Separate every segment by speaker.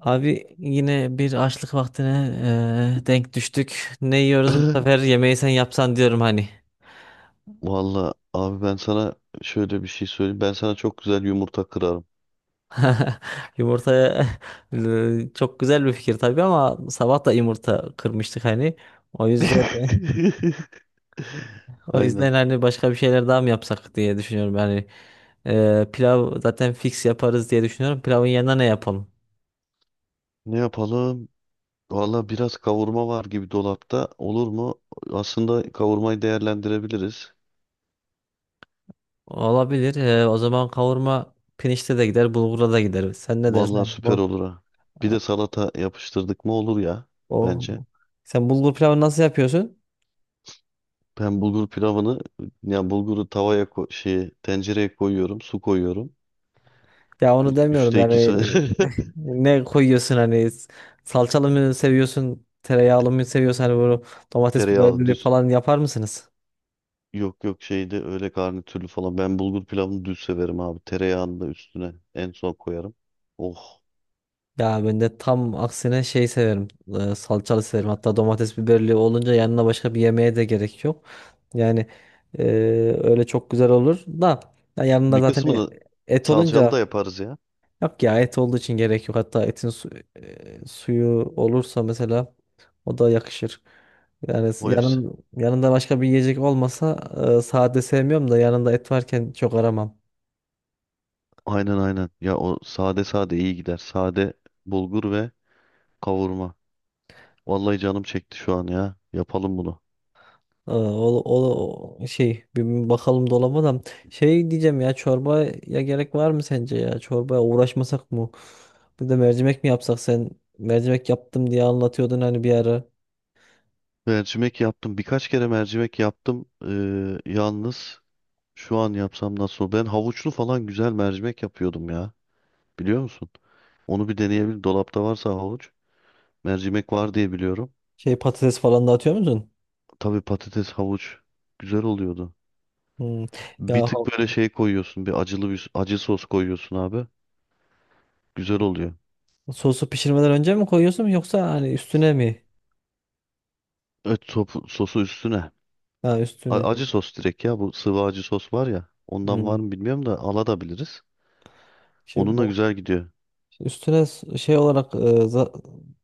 Speaker 1: Abi yine bir açlık vaktine denk düştük. Ne yiyoruz bu sefer yemeği sen yapsan diyorum hani.
Speaker 2: Valla abi ben sana şöyle bir şey söyleyeyim. Ben sana çok güzel yumurta kırarım.
Speaker 1: Yumurtaya çok güzel bir fikir tabii ama sabah da yumurta kırmıştık hani. O yüzden o
Speaker 2: Aynen.
Speaker 1: yüzden hani başka bir şeyler daha mı yapsak diye düşünüyorum. Yani pilav zaten fix yaparız diye düşünüyorum. Pilavın yanına ne yapalım?
Speaker 2: Ne yapalım? Valla biraz kavurma var gibi dolapta. Olur mu? Aslında kavurmayı değerlendirebiliriz.
Speaker 1: Olabilir. O zaman kavurma pirinçte de gider, bulgura da gider. Sen ne dersin?
Speaker 2: Valla
Speaker 1: Yani
Speaker 2: süper
Speaker 1: bu,
Speaker 2: olur ha. Bir de salata yapıştırdık mı olur ya
Speaker 1: o,
Speaker 2: bence.
Speaker 1: sen bulgur pilavını nasıl yapıyorsun?
Speaker 2: Ben bulgur pilavını yani bulguru tavaya şeye, tencereye koyuyorum, su koyuyorum.
Speaker 1: Ya onu demiyorum
Speaker 2: Üçte ikisi
Speaker 1: yani, ne koyuyorsun hani, salçalı mı seviyorsun tereyağlı mı seviyorsun hani bunu, domates
Speaker 2: tereyağlı
Speaker 1: biberli
Speaker 2: düz.
Speaker 1: falan yapar mısınız?
Speaker 2: Yok yok şeyde öyle garnitürlü falan. Ben bulgur pilavını düz severim abi. Tereyağını da üstüne en son koyarım. Oh.
Speaker 1: Ya ben de tam aksine şey severim, salçalı severim, hatta domates biberli olunca yanına başka bir yemeğe de gerek yok. Yani e, öyle çok güzel olur da, ya yanında
Speaker 2: Bir
Speaker 1: zaten
Speaker 2: kısmını
Speaker 1: et
Speaker 2: salçalı da
Speaker 1: olunca.
Speaker 2: yaparız ya.
Speaker 1: Yok ya, et olduğu için gerek yok. Hatta suyu olursa mesela, o da yakışır. Yani
Speaker 2: O hepsi.
Speaker 1: yanın, yanında başka bir yiyecek olmasa, sade sevmiyorum da yanında et varken çok aramam.
Speaker 2: Aynen aynen. Ya o sade sade iyi gider. Sade bulgur ve kavurma. Vallahi canım çekti şu an ya. Yapalım bunu.
Speaker 1: O şey, bir bakalım dolaba da, şey diyeceğim ya, çorbaya gerek var mı sence, ya çorbaya uğraşmasak mı? Bir de mercimek mi yapsak? Sen mercimek yaptım diye anlatıyordun hani bir ara.
Speaker 2: Mercimek yaptım. Birkaç kere mercimek yaptım. Yalnız şu an yapsam nasıl olur? Ben havuçlu falan güzel mercimek yapıyordum ya. Biliyor musun? Onu bir deneyebilirim. Dolapta varsa havuç. Mercimek var diye biliyorum.
Speaker 1: Şey, patates falan da atıyor musun?
Speaker 2: Tabii patates, havuç güzel oluyordu.
Speaker 1: Hmm.
Speaker 2: Bir
Speaker 1: Ya
Speaker 2: tık böyle şey koyuyorsun. Bir acılı bir acı sos koyuyorsun abi. Güzel oluyor.
Speaker 1: sosu pişirmeden önce mi koyuyorsun yoksa hani üstüne mi?
Speaker 2: Evet sosu üstüne.
Speaker 1: Ha, üstüne.
Speaker 2: Acı sos direkt ya. Bu sıvı acı sos var ya. Ondan var mı
Speaker 1: Hmm.
Speaker 2: bilmiyorum da alabiliriz.
Speaker 1: Şey
Speaker 2: Onunla
Speaker 1: bu
Speaker 2: güzel gidiyor.
Speaker 1: üstüne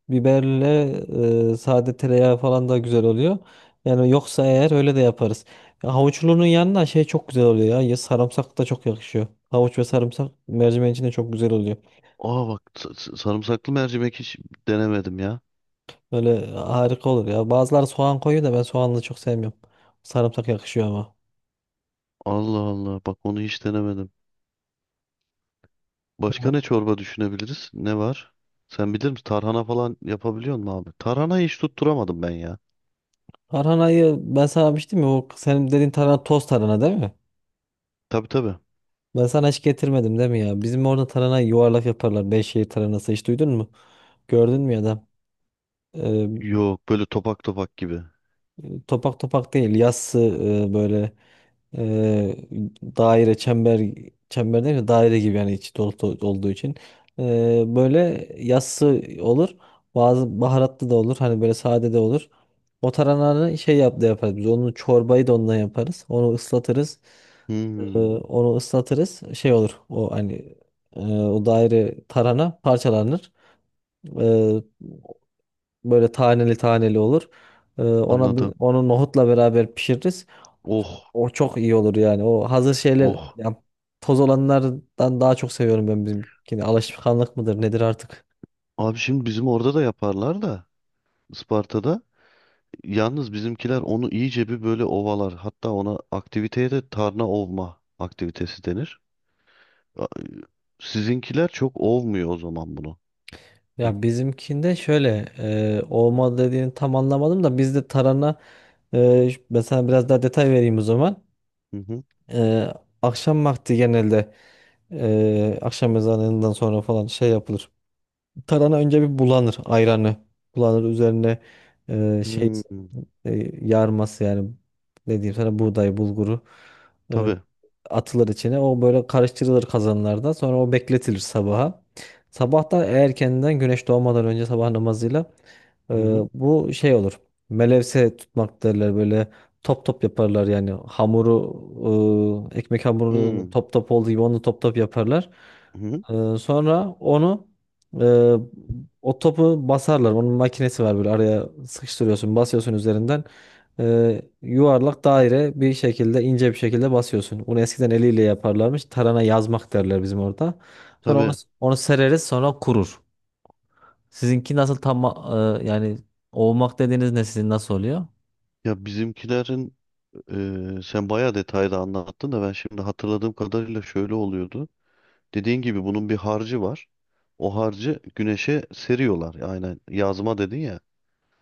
Speaker 1: biberle, sade tereyağı falan da güzel oluyor. Yani yoksa eğer öyle de yaparız. Ya havuçlunun yanına şey çok güzel oluyor ya. Ya sarımsak da çok yakışıyor. Havuç ve sarımsak mercimeğin içinde çok güzel oluyor.
Speaker 2: Aa bak sarımsaklı mercimek hiç denemedim ya.
Speaker 1: Böyle harika olur ya. Bazıları soğan koyuyor da ben soğanlı çok sevmiyorum. Sarımsak yakışıyor ama.
Speaker 2: Allah Allah bak onu hiç denemedim. Başka ne çorba düşünebiliriz? Ne var? Sen bilir misin? Tarhana falan yapabiliyor musun abi? Tarhanayı hiç tutturamadım ben ya.
Speaker 1: Tarhanayı ben sana demiştim ya, o senin dediğin tarhana toz tarhana değil mi?
Speaker 2: Tabii tabii.
Speaker 1: Ben sana hiç getirmedim değil mi ya? Bizim orada tarhana yuvarlak yaparlar. Beyşehir taranası hiç duydun mu? Gördün mü ya da? Ee,
Speaker 2: Yok böyle topak topak gibi.
Speaker 1: Topak topak değil. Yassı, böyle e, daire, çember değil de daire gibi, yani içi dolu dolu olduğu için. E, böyle yassı olur, bazı baharatlı da olur hani, böyle sade de olur. O tarananı şey yap da yaparız, biz onu çorbayı da ondan yaparız, onu ıslatırız.
Speaker 2: Hmm,
Speaker 1: Onu ıslatırız. Şey olur. O hani, o daire tarhana parçalanır. Ee, Böyle taneli taneli olur. Ona
Speaker 2: anladım.
Speaker 1: onu nohutla beraber pişiririz.
Speaker 2: Oh
Speaker 1: O çok iyi olur yani. O hazır şeyler
Speaker 2: oh.
Speaker 1: ya, toz olanlardan daha çok seviyorum ben bizimkini. Alışkanlık mıdır nedir artık?
Speaker 2: Abi şimdi bizim orada da yaparlar da Isparta'da. Yalnız bizimkiler onu iyice bir böyle ovalar. Hatta ona aktiviteye de tarna ovma aktivitesi denir. A- Sizinkiler çok ovmuyor o zaman bunu. Y-
Speaker 1: Ya bizimkinde şöyle, olma dediğini tam anlamadım da, bizde tarhana, ben sana biraz daha detay vereyim o zaman.
Speaker 2: Hı hı.
Speaker 1: E, akşam vakti genelde, akşam ezanından sonra falan şey yapılır. Tarhana önce bir bulanır ayranı. Bulanır üzerine, e, şey
Speaker 2: Hmm,
Speaker 1: yarması yani, ne diyeyim sana, buğday bulguru e,
Speaker 2: tabii.
Speaker 1: atılır içine. O böyle karıştırılır kazanlarda. Sonra o bekletilir sabaha. Sabah da erkenden güneş doğmadan önce sabah namazıyla, ee,
Speaker 2: Hı hı.
Speaker 1: bu şey olur. Melevse tutmak derler, böyle top top yaparlar yani hamuru, ekmek hamurunu
Speaker 2: Hmm,
Speaker 1: top top olduğu gibi onu top top yaparlar.
Speaker 2: hı hı.
Speaker 1: Sonra onu, e, o topu basarlar. Onun makinesi var, böyle araya sıkıştırıyorsun, basıyorsun üzerinden. Yuvarlak daire bir şekilde, ince bir şekilde basıyorsun. Bunu eskiden eliyle yaparlarmış. Tarana yazmak derler bizim orada. Sonra onu,
Speaker 2: Tabii.
Speaker 1: onu sereriz, sonra kurur. Sizinki nasıl tam, yani olmak dediğiniz ne, sizin nasıl oluyor?
Speaker 2: Ya bizimkilerin sen bayağı detaylı anlattın da ben şimdi hatırladığım kadarıyla şöyle oluyordu. Dediğin gibi bunun bir harcı var. O harcı güneşe seriyorlar. Aynen yazma dedin ya.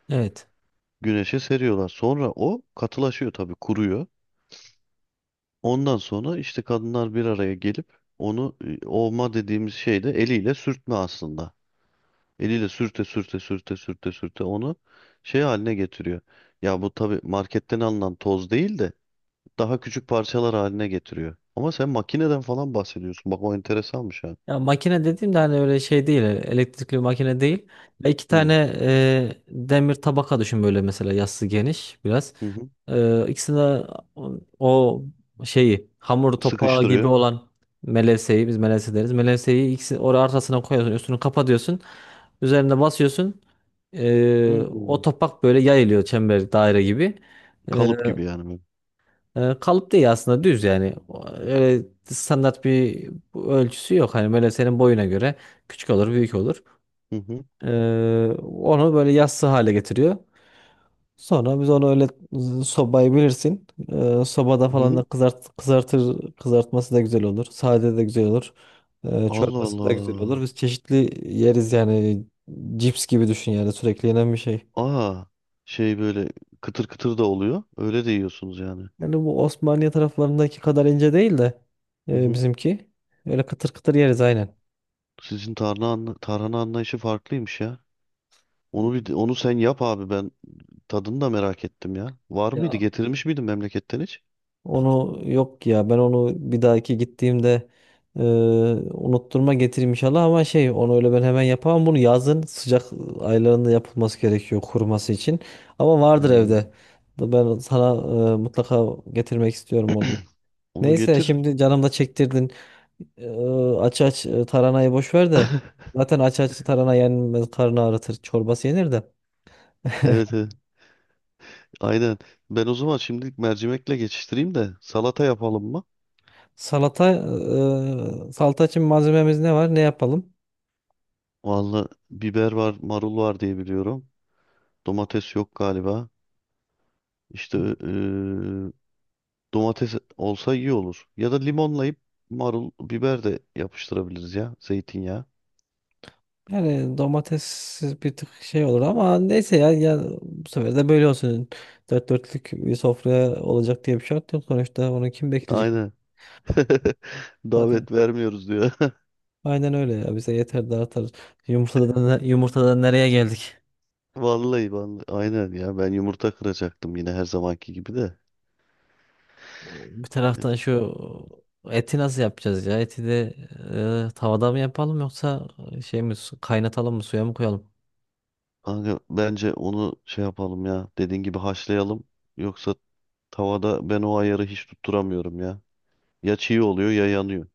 Speaker 1: Evet.
Speaker 2: Güneşe seriyorlar. Sonra o katılaşıyor tabii kuruyor. Ondan sonra işte kadınlar bir araya gelip onu ovma dediğimiz şeyde eliyle sürtme aslında. Eliyle sürte sürte sürte sürte sürte onu şey haline getiriyor. Ya bu tabii marketten alınan toz değil de daha küçük parçalar haline getiriyor. Ama sen makineden falan bahsediyorsun. Bak o enteresanmış ha.
Speaker 1: Ya makine dediğimde hani öyle şey değil, elektrikli bir makine değil. Ya iki
Speaker 2: Hı
Speaker 1: tane demir tabaka düşün, böyle mesela yassı geniş biraz.
Speaker 2: hı. Hı.
Speaker 1: E, ikisine, o şeyi, hamur topağı gibi
Speaker 2: Sıkıştırıyor.
Speaker 1: olan melevseyi, biz melevse deriz. Melevseyi ikisi oraya arasına koyuyorsun, üstünü kapatıyorsun. Üzerine basıyorsun. O
Speaker 2: Hmm.
Speaker 1: topak böyle yayılıyor, çember daire gibi. E,
Speaker 2: Kalıp gibi yani böyle.
Speaker 1: Kalıp değil aslında, düz yani. Öyle standart bir ölçüsü yok. Hani böyle senin boyuna göre küçük olur, büyük olur.
Speaker 2: Hı hı.
Speaker 1: E, Onu böyle yassı hale getiriyor. Sonra biz onu öyle, sobayı bilirsin. Sobada
Speaker 2: Hı
Speaker 1: falan
Speaker 2: hı.
Speaker 1: da kızartır, kızartması da güzel olur. Sade de güzel olur.
Speaker 2: Allah
Speaker 1: Çorbası da güzel olur.
Speaker 2: Allah.
Speaker 1: Biz çeşitli yeriz yani. Cips gibi düşün, yani sürekli yenen bir şey.
Speaker 2: Aa, şey böyle kıtır kıtır da oluyor. Öyle de yiyorsunuz yani.
Speaker 1: Yani bu Osmaniye taraflarındaki kadar ince değil de,
Speaker 2: Hı hı.
Speaker 1: bizimki. Öyle kıtır kıtır yeriz, aynen.
Speaker 2: Sizin tarhana, tarhana anlayışı farklıymış ya. Onu onu sen yap abi ben tadını da merak ettim ya. Var mıydı?
Speaker 1: Ya
Speaker 2: Getirmiş miydin memleketten hiç?
Speaker 1: onu, yok ya, ben onu bir dahaki gittiğimde e, unutturma getireyim inşallah, ama şey, onu öyle ben hemen yapamam, bunu yazın sıcak aylarında yapılması gerekiyor kuruması için, ama vardır
Speaker 2: Hmm.
Speaker 1: evde. Ben sana mutlaka getirmek istiyorum onu.
Speaker 2: Onu
Speaker 1: Neyse,
Speaker 2: getir.
Speaker 1: şimdi canım da çektirdin. E, Aç aç, taranayı boş ver de, zaten aç aç tarana yenmez, karnı ağrıtır, çorbası yenir de.
Speaker 2: Evet, evet. Aynen. Ben o zaman şimdilik mercimekle geçiştireyim de salata yapalım mı?
Speaker 1: Salata, salata için malzememiz ne var, ne yapalım?
Speaker 2: Vallahi biber var, marul var diye biliyorum. Domates yok galiba. İşte domates olsa iyi olur. Ya da limonlayıp marul, biber de yapıştırabiliriz ya. Zeytinyağı.
Speaker 1: Yani domates bir tık şey olur ama neyse ya, ya bu sefer de böyle olsun. Dört dörtlük bir sofraya olacak diye bir şart yok. Sonuçta onu kim bekleyecek?
Speaker 2: Aynen.
Speaker 1: Zaten
Speaker 2: Davet vermiyoruz diyor.
Speaker 1: aynen öyle ya. Bize yeter de artar. Yumurtadan, yumurtadan nereye geldik?
Speaker 2: Vallahi vallahi. Aynen ya. Ben yumurta kıracaktım yine her zamanki gibi de.
Speaker 1: Bir taraftan şu eti nasıl yapacağız ya? Eti de tavada mı yapalım, yoksa kaynatalım mı, suya mı koyalım?
Speaker 2: Kanka bence onu şey yapalım ya. Dediğin gibi haşlayalım. Yoksa tavada ben o ayarı hiç tutturamıyorum ya. Ya çiğ oluyor ya yanıyor.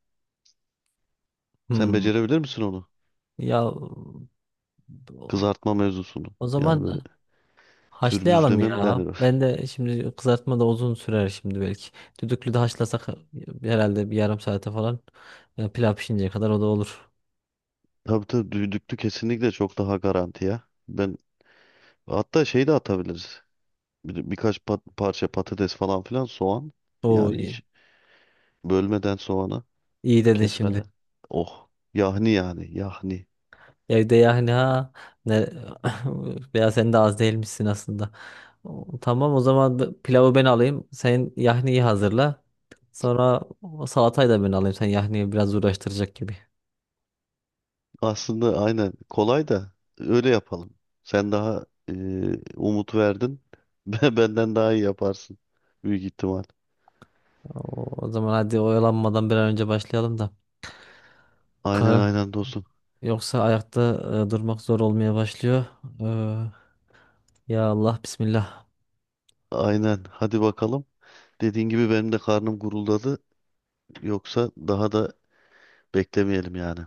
Speaker 2: Sen
Speaker 1: Hmm.
Speaker 2: becerebilir misin onu?
Speaker 1: Ya
Speaker 2: Kızartma mevzusunu.
Speaker 1: o
Speaker 2: Yani böyle
Speaker 1: zaman haşlayalım
Speaker 2: pürmüzleme mi
Speaker 1: ya.
Speaker 2: derler?
Speaker 1: Ben de şimdi kızartma da uzun sürer şimdi belki. Düdüklü de haşlasak herhalde bir yarım saate falan, pilav pişinceye kadar o da olur.
Speaker 2: Tabii tabii düdüklü kesinlikle çok daha garanti ya. Ben hatta şey de atabiliriz. Birkaç parça patates falan filan soğan.
Speaker 1: Oo,
Speaker 2: Yani
Speaker 1: iyi,
Speaker 2: hiç bölmeden soğanı
Speaker 1: iyi dedin şimdi.
Speaker 2: kesmeden. Oh yahni yani yahni.
Speaker 1: Evde yani ha, ne, veya sen de az değilmişsin aslında. Tamam, o zaman pilavı ben alayım. Sen yahniyi hazırla. Sonra o salatayı da ben alayım. Sen yahniyi biraz uğraştıracak gibi.
Speaker 2: Aslında aynen kolay da öyle yapalım. Sen daha umut verdin. Benden daha iyi yaparsın büyük ihtimal.
Speaker 1: O, o zaman hadi oyalanmadan bir an önce başlayalım
Speaker 2: Aynen
Speaker 1: da.
Speaker 2: aynen dostum.
Speaker 1: Yoksa ayakta durmak zor olmaya başlıyor. Ee, Ya Allah Bismillah.
Speaker 2: Aynen hadi bakalım. Dediğin gibi benim de karnım guruldadı. Yoksa daha da beklemeyelim yani.